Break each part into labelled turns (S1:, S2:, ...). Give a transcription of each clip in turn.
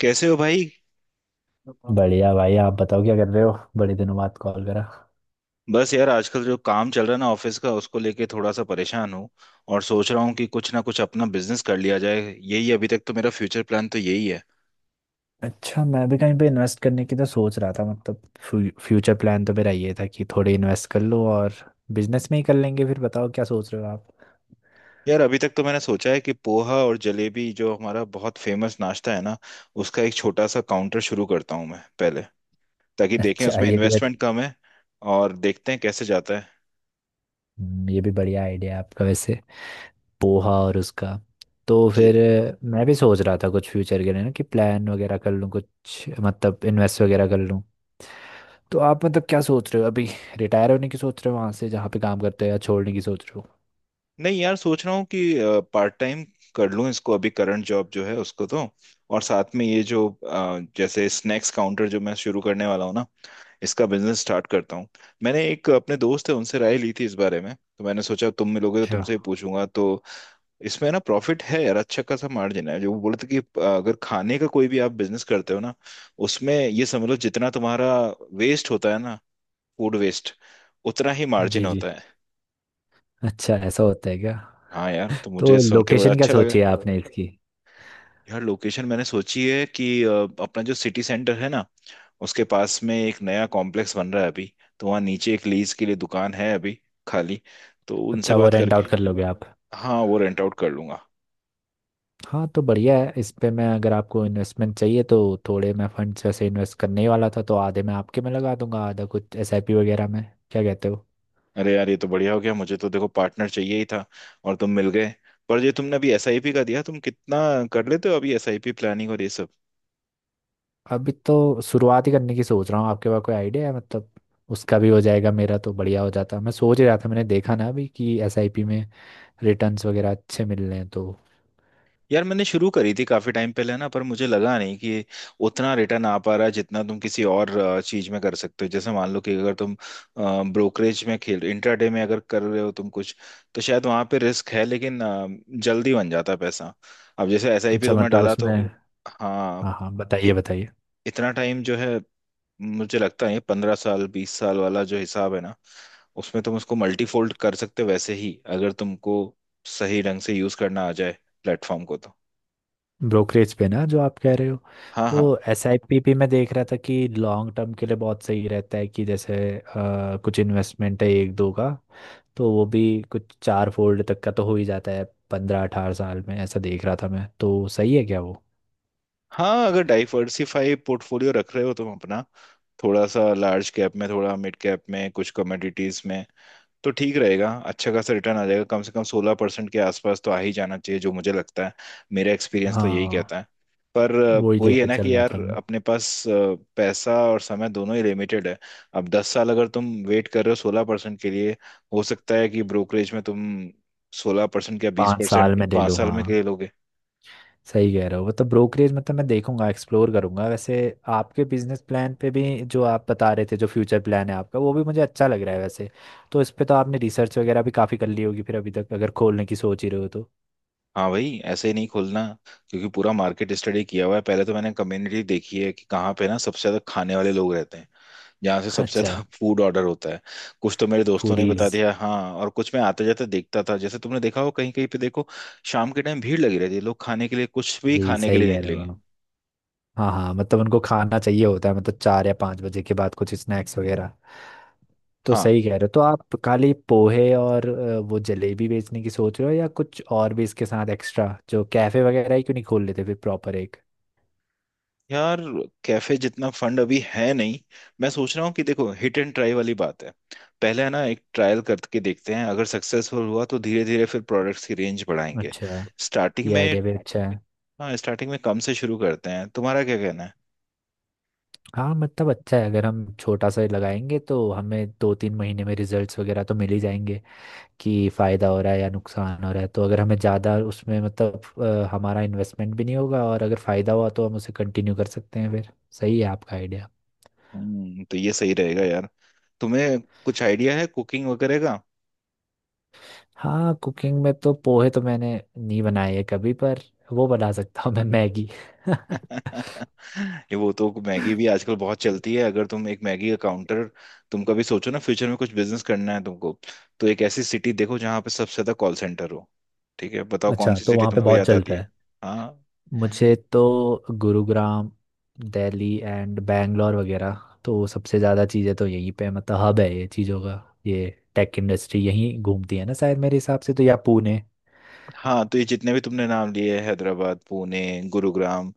S1: कैसे हो भाई।
S2: बढ़िया भाई। आप बताओ क्या कर रहे हो, बड़े दिनों बाद कॉल करा।
S1: बस यार आजकल जो काम चल रहा है ना ऑफिस का उसको लेके थोड़ा सा परेशान हूँ। और सोच रहा हूँ कि कुछ ना कुछ अपना बिजनेस कर लिया जाए, यही अभी तक तो मेरा फ्यूचर प्लान तो यही है।
S2: अच्छा, मैं भी कहीं पे इन्वेस्ट करने की तो सोच रहा था। मतलब फ्यूचर प्लान तो मेरा ये था कि थोड़े इन्वेस्ट कर लो और बिजनेस में ही कर लेंगे। फिर बताओ क्या सोच रहे हो आप।
S1: यार अभी तक तो मैंने सोचा है कि पोहा और जलेबी जो हमारा बहुत फेमस नाश्ता है ना, उसका एक छोटा सा काउंटर शुरू करता हूँ मैं पहले, ताकि देखें
S2: अच्छा
S1: उसमें
S2: ये भी।
S1: इन्वेस्टमेंट कम है और देखते हैं कैसे जाता
S2: ये भी बढ़िया आइडिया है आपका वैसे। पोहा और उसका तो
S1: है।
S2: फिर मैं भी सोच रहा था कुछ फ्यूचर के लिए ना कि प्लान वगैरह कर लूँ कुछ। मतलब इन्वेस्ट वगैरह कर लूँ। तो आप मतलब क्या सोच रहे हो अभी। रिटायर होने की सोच रहे हो वहाँ से जहाँ पे काम करते हो, या छोड़ने की सोच रहे हो।
S1: नहीं यार सोच रहा हूँ कि पार्ट टाइम कर लूँ इसको अभी, करंट जॉब जो है उसको, तो और साथ में ये जो जैसे स्नैक्स काउंटर जो मैं शुरू करने वाला हूँ ना, इसका बिजनेस स्टार्ट करता हूँ। मैंने एक अपने दोस्त है उनसे राय ली थी इस बारे में, तो मैंने सोचा तुम मिलोगे तो
S2: अच्छा।
S1: तुमसे ही पूछूंगा। तो इसमें ना प्रॉफिट है यार, अच्छा खासा मार्जिन है। जो वो बोले थे कि अगर खाने का कोई भी आप बिजनेस करते हो ना, उसमें ये समझ लो जितना तुम्हारा वेस्ट होता है ना, फूड वेस्ट, उतना ही
S2: जी
S1: मार्जिन
S2: जी।
S1: होता है।
S2: अच्छा ऐसा होता है क्या।
S1: हाँ यार तो मुझे
S2: तो
S1: सुन के बड़ा
S2: लोकेशन क्या
S1: अच्छा लगा।
S2: सोची है आपने इसकी।
S1: यार लोकेशन मैंने सोची है कि अपना जो सिटी सेंटर है ना, उसके पास में एक नया कॉम्प्लेक्स बन रहा है अभी, तो वहाँ नीचे एक लीज के लिए दुकान है अभी खाली, तो उनसे
S2: अच्छा वो
S1: बात
S2: रेंट
S1: करके।
S2: आउट कर लोगे आप।
S1: हाँ वो रेंट आउट कर लूंगा।
S2: हाँ तो बढ़िया है। इस पे मैं अगर आपको इन्वेस्टमेंट चाहिए तो थोड़े मैं फंड्स वैसे इन्वेस्ट करने ही वाला था, तो आधे मैं आपके में लगा दूंगा, आधा कुछ एसआईपी वगैरह में। क्या कहते हो।
S1: अरे यार ये तो बढ़िया हो गया, मुझे तो देखो पार्टनर चाहिए ही था और तुम मिल गए। पर ये तुमने अभी एसआईपी का दिया, तुम कितना कर लेते हो अभी एसआईपी प्लानिंग और ये सब?
S2: अभी तो शुरुआत ही करने की सोच रहा हूँ। आपके पास कोई आइडिया है मतलब, उसका भी हो जाएगा। मेरा तो बढ़िया हो जाता, मैं सोच ही रहा था। मैंने देखा ना अभी कि एसआईपी में रिटर्न्स वगैरह अच्छे मिल रहे हैं तो।
S1: यार मैंने शुरू करी थी काफी टाइम पहले ना, पर मुझे लगा नहीं कि उतना रिटर्न आ पा रहा है जितना तुम किसी और चीज में कर सकते हो। जैसे मान लो कि अगर तुम ब्रोकरेज में खेल, इंट्राडे में अगर कर रहे हो तुम कुछ, तो शायद वहां पे रिस्क है लेकिन जल्दी बन जाता है पैसा। अब जैसे एसआईपी
S2: अच्छा
S1: तुमने
S2: मतलब
S1: डाला तो
S2: उसमें।
S1: हाँ,
S2: हाँ हाँ,
S1: इ,
S2: बताइए बताइए।
S1: इतना टाइम जो है मुझे लगता है 15 साल 20 साल वाला जो हिसाब है ना, उसमें तुम उसको मल्टीफोल्ड कर सकते हो। वैसे ही अगर तुमको सही ढंग से यूज करना आ जाए प्लेटफॉर्म को तो।
S2: ब्रोकरेज पे ना जो आप कह रहे हो,
S1: हाँ
S2: तो
S1: हाँ।
S2: एस आई पी पी मैं देख रहा था कि लॉन्ग टर्म के लिए बहुत सही रहता है। कि जैसे कुछ इन्वेस्टमेंट है एक दो का, तो वो भी कुछ चार फोल्ड तक का तो हो ही जाता है पंद्रह अठारह साल में। ऐसा देख रहा था मैं, तो सही है क्या वो।
S1: हाँ अगर डाइवर्सिफाई पोर्टफोलियो रख रहे हो तुम अपना, थोड़ा सा लार्ज कैप में, थोड़ा मिड कैप में, कुछ कमोडिटीज में, तो ठीक रहेगा, अच्छा खासा रिटर्न आ जाएगा, कम से कम 16% के आसपास तो आ ही जाना चाहिए जो मुझे लगता है। मेरा एक्सपीरियंस तो यही
S2: हाँ,
S1: कहता है। पर
S2: वो ही
S1: वही है
S2: लेके
S1: ना
S2: चल
S1: कि
S2: रहा
S1: यार
S2: था मैं।
S1: अपने पास पैसा और समय दोनों ही लिमिटेड है। अब 10 साल अगर तुम वेट कर रहे हो 16% के लिए, हो सकता है कि ब्रोकरेज में तुम 16% या बीस
S2: पाँच साल
S1: परसेंट
S2: में ले
S1: पाँच
S2: लूँ,
S1: साल में के
S2: हाँ।
S1: लिए लोगे।
S2: सही कह रहे हो। मतलब ब्रोकरेज मतलब मैं देखूंगा, एक्सप्लोर करूंगा वैसे। आपके बिजनेस प्लान पे भी जो आप बता रहे थे, जो फ्यूचर प्लान है आपका, वो भी मुझे अच्छा लग रहा है वैसे। तो इस पे तो आपने रिसर्च वगैरह भी काफ़ी कर ली होगी फिर, अभी तक अगर खोलने की सोच ही रहे हो तो।
S1: हाँ भाई ऐसे ही नहीं खोलना, क्योंकि पूरा मार्केट स्टडी किया हुआ है। पहले तो मैंने कम्युनिटी देखी है कि कहाँ पे ना सबसे ज्यादा खाने वाले लोग रहते हैं, जहाँ से सबसे
S2: अच्छा।
S1: ज्यादा फूड ऑर्डर होता है। कुछ तो मेरे दोस्तों ने बता
S2: फूडीज।
S1: दिया, हाँ, और कुछ मैं आते जाते देखता था। जैसे तुमने देखा हो कहीं कहीं पे, देखो शाम के टाइम भीड़ लगी रहती है, लोग खाने के लिए कुछ भी
S2: जी
S1: खाने के
S2: सही
S1: लिए
S2: कह रहे हो
S1: निकलेंगे।
S2: आप। हाँ हाँ, मतलब उनको खाना चाहिए होता है। मतलब चार या पाँच बजे के बाद कुछ स्नैक्स वगैरह। तो
S1: हाँ,
S2: सही कह रहे हो। तो आप खाली पोहे और वो जलेबी बेचने की सोच रहे हो, या कुछ और भी इसके साथ एक्स्ट्रा। जो कैफे वगैरह ही क्यों नहीं खोल लेते फिर प्रॉपर एक।
S1: यार कैफे जितना फंड अभी है नहीं। मैं सोच रहा हूँ कि देखो हिट एंड ट्राई वाली बात है, पहले है ना एक ट्रायल करके देखते हैं, अगर सक्सेसफुल हुआ तो धीरे धीरे फिर प्रोडक्ट्स की रेंज बढ़ाएंगे।
S2: अच्छा।
S1: स्टार्टिंग
S2: ये
S1: में,
S2: आइडिया भी अच्छा है।
S1: हाँ स्टार्टिंग में कम से शुरू करते हैं, तुम्हारा क्या कहना है?
S2: हाँ मतलब अच्छा है। अगर हम छोटा सा लगाएंगे तो हमें दो तीन महीने में रिजल्ट्स वगैरह तो मिल ही जाएंगे कि फ़ायदा हो रहा है या नुकसान हो रहा है। तो अगर हमें ज़्यादा उसमें मतलब हमारा इन्वेस्टमेंट भी नहीं होगा, और अगर फ़ायदा हुआ तो हम उसे कंटिन्यू कर सकते हैं फिर। सही है आपका आइडिया।
S1: हम्म, तो ये सही रहेगा यार। तुम्हें कुछ आइडिया है कुकिंग वगैरह?
S2: हाँ, कुकिंग में तो पोहे तो मैंने नहीं बनाए है कभी, पर वो बना सकता हूँ मैं, मैगी।
S1: ये वो तो मैगी भी आजकल बहुत चलती है। अगर तुम एक मैगी का काउंटर, तुम कभी सोचो ना फ्यूचर में कुछ बिजनेस करना है तुमको, तो एक ऐसी सिटी देखो जहाँ पे सबसे ज्यादा कॉल सेंटर हो। ठीक है बताओ कौन
S2: अच्छा
S1: सी
S2: तो
S1: सिटी
S2: वहाँ पे
S1: तुमको
S2: बहुत
S1: याद आती
S2: चलता
S1: है?
S2: है।
S1: हाँ,
S2: मुझे तो गुरुग्राम, दिल्ली एंड बैंगलोर वगैरह। तो सबसे ज़्यादा चीज़ें तो यहीं पे मतलब हब है ये चीज़ों का। ये टेक इंडस्ट्री यहीं घूमती है ना शायद मेरे हिसाब से तो, या पुणे।
S1: हाँ तो ये जितने भी तुमने नाम लिए हैं, हैदराबाद, पुणे, गुरुग्राम,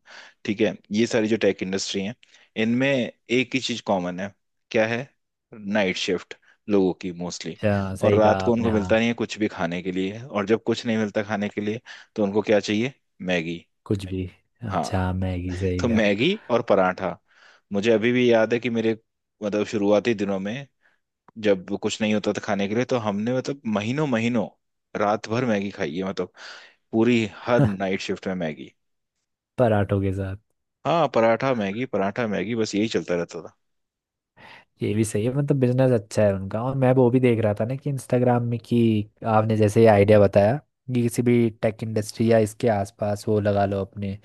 S1: ठीक है, ये सारी जो टेक इंडस्ट्री हैं, इनमें एक ही चीज कॉमन है। क्या है? नाइट शिफ्ट लोगों की मोस्टली। और
S2: सही
S1: रात
S2: कहा
S1: को
S2: आपने
S1: उनको
S2: हाँ।
S1: मिलता नहीं है कुछ भी खाने के लिए, और जब कुछ नहीं मिलता खाने के लिए तो उनको क्या चाहिए? मैगी।
S2: कुछ भी।
S1: हाँ,
S2: अच्छा मैगी सही
S1: तो
S2: कहा।
S1: मैगी और पराठा। मुझे अभी भी याद है कि मेरे, मतलब शुरुआती दिनों में जब कुछ नहीं होता था खाने के लिए, तो हमने मतलब महीनों महीनों रात भर मैगी खाई है, मतलब पूरी हर नाइट शिफ्ट में मैगी।
S2: पराठों के साथ।
S1: हाँ पराठा मैगी, पराठा मैगी, बस यही चलता रहता था।
S2: ये भी सही है। मतलब बिजनेस अच्छा है उनका। और मैं वो भी देख रहा था ना कि इंस्टाग्राम में कि आपने जैसे ये आइडिया बताया कि किसी भी टेक इंडस्ट्री या इसके आसपास वो लगा लो अपने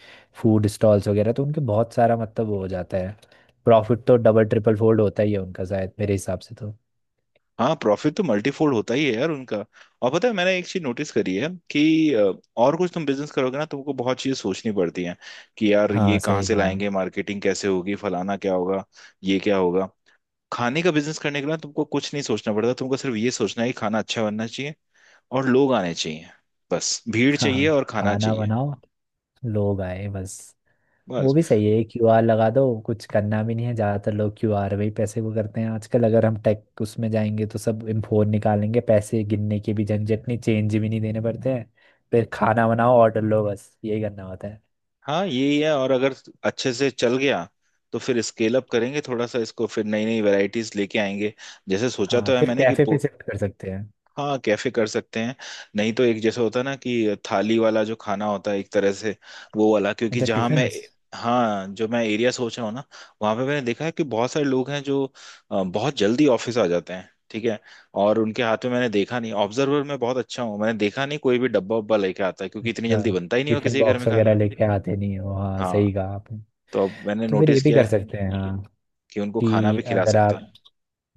S2: फूड स्टॉल्स वगैरह, तो उनके बहुत सारा मतलब वो हो जाता है। प्रॉफिट तो डबल ट्रिपल फोल्ड होता ही है उनका शायद मेरे हिसाब से तो।
S1: हाँ प्रॉफिट तो मल्टीफोल्ड होता ही है यार उनका। और पता है मैंने एक चीज नोटिस करी है कि और कुछ तुम बिजनेस करोगे ना तुमको बहुत चीजें सोचनी पड़ती हैं कि यार ये
S2: हाँ
S1: कहाँ
S2: सही
S1: से
S2: कहा।
S1: लाएंगे, मार्केटिंग कैसे होगी, फलाना क्या होगा, ये क्या होगा। खाने का बिजनेस करने के लिए ना तुमको कुछ नहीं सोचना पड़ता, तुमको सिर्फ ये सोचना है कि खाना अच्छा बनना चाहिए और लोग आने चाहिए, बस भीड़ चाहिए
S2: हाँ,
S1: और खाना
S2: खाना
S1: चाहिए।
S2: बनाओ, लोग आए, बस। वो
S1: बस।
S2: भी सही है। क्यूआर लगा दो, कुछ करना भी नहीं है। ज़्यादातर लोग क्यूआर में ही पैसे वो करते हैं आजकल। अगर हम टेक उसमें जाएंगे तो सब फोन निकालेंगे, पैसे गिनने की भी झंझट नहीं, चेंज भी नहीं देने पड़ते हैं। फिर खाना बनाओ, ऑर्डर लो, बस यही करना होता है।
S1: हाँ यही है। और अगर अच्छे से चल गया तो फिर स्केल अप करेंगे थोड़ा सा इसको, फिर नई नई वैरायटीज लेके आएंगे। जैसे सोचा
S2: हाँ
S1: तो है
S2: फिर
S1: मैंने कि
S2: कैफे पे
S1: पो-,
S2: शिफ्ट कर सकते हैं।
S1: हाँ कैफे कर सकते हैं। नहीं तो एक जैसे होता है ना कि थाली वाला जो खाना होता है एक तरह से, वो वाला, क्योंकि
S2: अच्छा वो तो है
S1: जहाँ
S2: टिफिन।
S1: मैं, हाँ जो मैं एरिया सोच रहा हूँ ना, वहाँ पे मैंने देखा है कि बहुत सारे लोग हैं जो बहुत जल्दी ऑफिस आ जाते हैं, ठीक है, और उनके हाथ में मैंने देखा नहीं, ऑब्जर्वर में बहुत अच्छा हूँ, मैंने देखा नहीं कोई भी डब्बा उब्बा लेके आता है, क्योंकि इतनी
S2: अच्छा
S1: जल्दी बनता ही नहीं हो
S2: टिफिन
S1: किसी के घर में
S2: बॉक्स वगैरह
S1: खाना।
S2: लेके आते नहीं हो, हाँ सही
S1: हाँ,
S2: कहा आपने।
S1: तो अब मैंने
S2: तो फिर ये
S1: नोटिस
S2: भी
S1: किया
S2: कर
S1: है
S2: सकते हैं हाँ।
S1: कि उनको खाना
S2: कि
S1: भी खिला
S2: अगर
S1: सकते हैं।
S2: आप,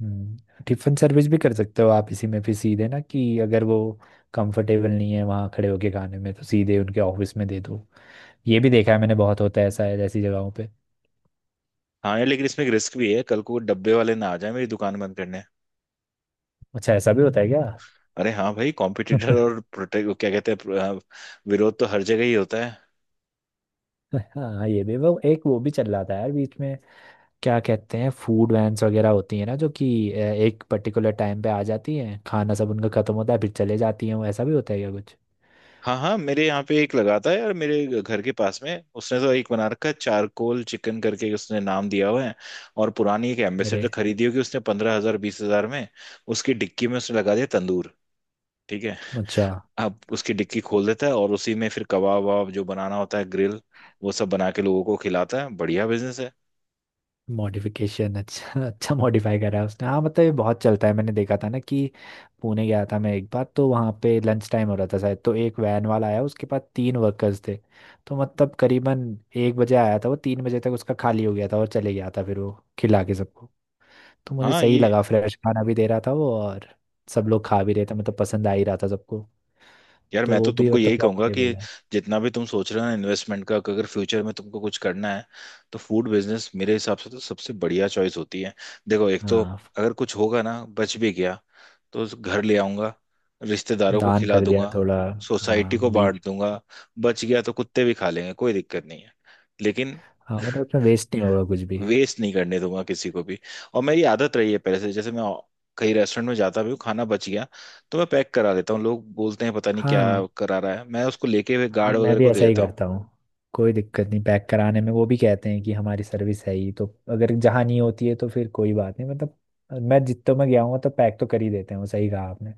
S2: हम्म, टिफिन सर्विस भी कर सकते हो आप इसी में फिर सीधे ना। कि अगर वो कंफर्टेबल नहीं है वहाँ खड़े होके खाने में, तो सीधे उनके ऑफिस में दे दो। ये भी देखा है मैंने, बहुत होता है ऐसा है ऐसी जगहों पे।
S1: हाँ यार, लेकिन इसमें एक रिस्क भी है, कल को डब्बे वाले ना आ जाए मेरी दुकान बंद करने।
S2: अच्छा ऐसा भी होता है क्या।
S1: अरे हाँ भाई, कॉम्पिटिटर और प्रोटेक्ट क्या कहते हैं, विरोध तो हर जगह ही होता है।
S2: हाँ ये भी वो एक वो भी चल रहा था यार बीच में। क्या कहते हैं, फूड वैन्स वगैरह होती है ना, जो कि एक पर्टिकुलर टाइम पे आ जाती हैं, खाना सब उनका खत्म होता है फिर चले जाती हैं वो। ऐसा भी होता है क्या कुछ।
S1: हाँ हाँ मेरे यहाँ पे एक लगा था यार मेरे घर के पास में। उसने तो एक बना रखा है चारकोल चिकन करके, उसने नाम दिया हुआ है। और पुरानी एक
S2: मेरे।
S1: एम्बेसडर खरीदी होगी उसने 15 हजार 20 हजार में। उसकी डिक्की में उसने लगा दिया तंदूर, ठीक है,
S2: अच्छा
S1: अब उसकी डिक्की खोल देता है और उसी में फिर कबाब वबाब जो बनाना होता है, ग्रिल, वो सब बना के लोगों को खिलाता है। बढ़िया बिजनेस है।
S2: मॉडिफिकेशन। अच्छा अच्छा, मॉडिफाई करा है उसने। हाँ मतलब ये बहुत चलता है। मैंने देखा था ना कि पुणे गया था मैं एक बार, तो वहाँ पे लंच टाइम हो रहा था शायद। तो एक वैन वाला आया, उसके पास तीन वर्कर्स थे। तो मतलब करीबन एक बजे आया था वो, तीन बजे तक उसका खाली हो गया था और चले गया था फिर वो, खिला के सबको। तो मुझे
S1: हाँ
S2: सही
S1: ये,
S2: लगा, फ्रेश खाना भी दे रहा था वो, और सब लोग खा भी रहे थे, मतलब पसंद आ ही रहा था सबको।
S1: यार
S2: तो
S1: मैं तो
S2: वो भी
S1: तुमको
S2: मतलब
S1: यही कहूंगा
S2: प्रॉफिटेबल
S1: कि
S2: है।
S1: जितना भी तुम सोच रहे हो ना इन्वेस्टमेंट का, कि अगर फ्यूचर में तुमको कुछ करना है तो फूड बिजनेस मेरे हिसाब से तो सबसे बढ़िया चॉइस होती है। देखो एक तो
S2: हाँ,
S1: अगर कुछ होगा ना, बच भी गया तो उस घर ले आऊंगा, रिश्तेदारों को
S2: दान
S1: खिला
S2: कर दिया
S1: दूंगा,
S2: थोड़ा।
S1: सोसाइटी
S2: हाँ
S1: को
S2: बीच।
S1: बांट दूंगा, बच गया तो कुत्ते भी खा लेंगे, कोई दिक्कत नहीं है। लेकिन
S2: हाँ मतलब उसमें वेस्ट नहीं होगा कुछ भी।
S1: वेस्ट नहीं करने दूंगा किसी को भी। और मेरी आदत रही है पहले से, जैसे मैं कहीं रेस्टोरेंट में जाता भी हूँ खाना बच गया तो मैं पैक करा देता हूँ। लोग बोलते हैं पता नहीं क्या
S2: हाँ।
S1: करा रहा है, मैं उसको लेके हुए
S2: हाँ
S1: गार्ड
S2: मैं
S1: वगैरह
S2: भी
S1: को दे
S2: ऐसा ही
S1: देता हूँ।
S2: करता हूँ। कोई दिक्कत नहीं पैक कराने में। वो भी कहते हैं कि हमारी सर्विस है ही तो। अगर जहाँ नहीं होती है तो फिर कोई बात नहीं मतलब। मैं जितों में गया हूँ तो पैक तो कर ही देते हैं वो, सही कहा आपने।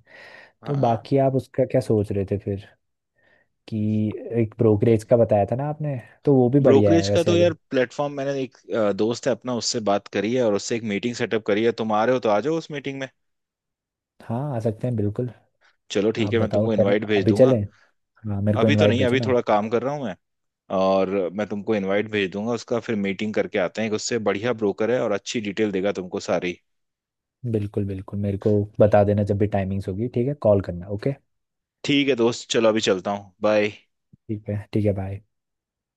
S2: तो
S1: हाँ
S2: बाकी आप उसका क्या सोच रहे थे फिर, कि एक ब्रोकरेज का बताया था ना आपने, तो वो भी बढ़िया है
S1: ब्रोकरेज का
S2: वैसे
S1: तो यार
S2: अगर।
S1: प्लेटफॉर्म, मैंने एक दोस्त है अपना उससे बात करी है और उससे एक मीटिंग सेटअप करी है। तुम आ रहे हो तो आ जाओ उस मीटिंग में।
S2: हाँ आ सकते हैं बिल्कुल।
S1: चलो ठीक
S2: आप
S1: है मैं
S2: बताओ,
S1: तुमको
S2: चले,
S1: इनवाइट भेज
S2: अभी
S1: दूंगा।
S2: चलें। हाँ मेरे को
S1: अभी तो
S2: इनवाइट
S1: नहीं,
S2: भेजो
S1: अभी
S2: ना
S1: थोड़ा
S2: आपको।
S1: काम कर रहा हूँ मैं, और मैं तुमको इनवाइट भेज दूंगा उसका, फिर मीटिंग करके आते हैं एक, उससे बढ़िया ब्रोकर है और अच्छी डिटेल देगा तुमको सारी।
S2: बिल्कुल बिल्कुल, मेरे को बता देना जब भी टाइमिंग्स होगी, ठीक है, कॉल करना, ओके।
S1: ठीक है दोस्त, चलो अभी चलता हूँ, बाय।
S2: ठीक है ठीक है, बाय।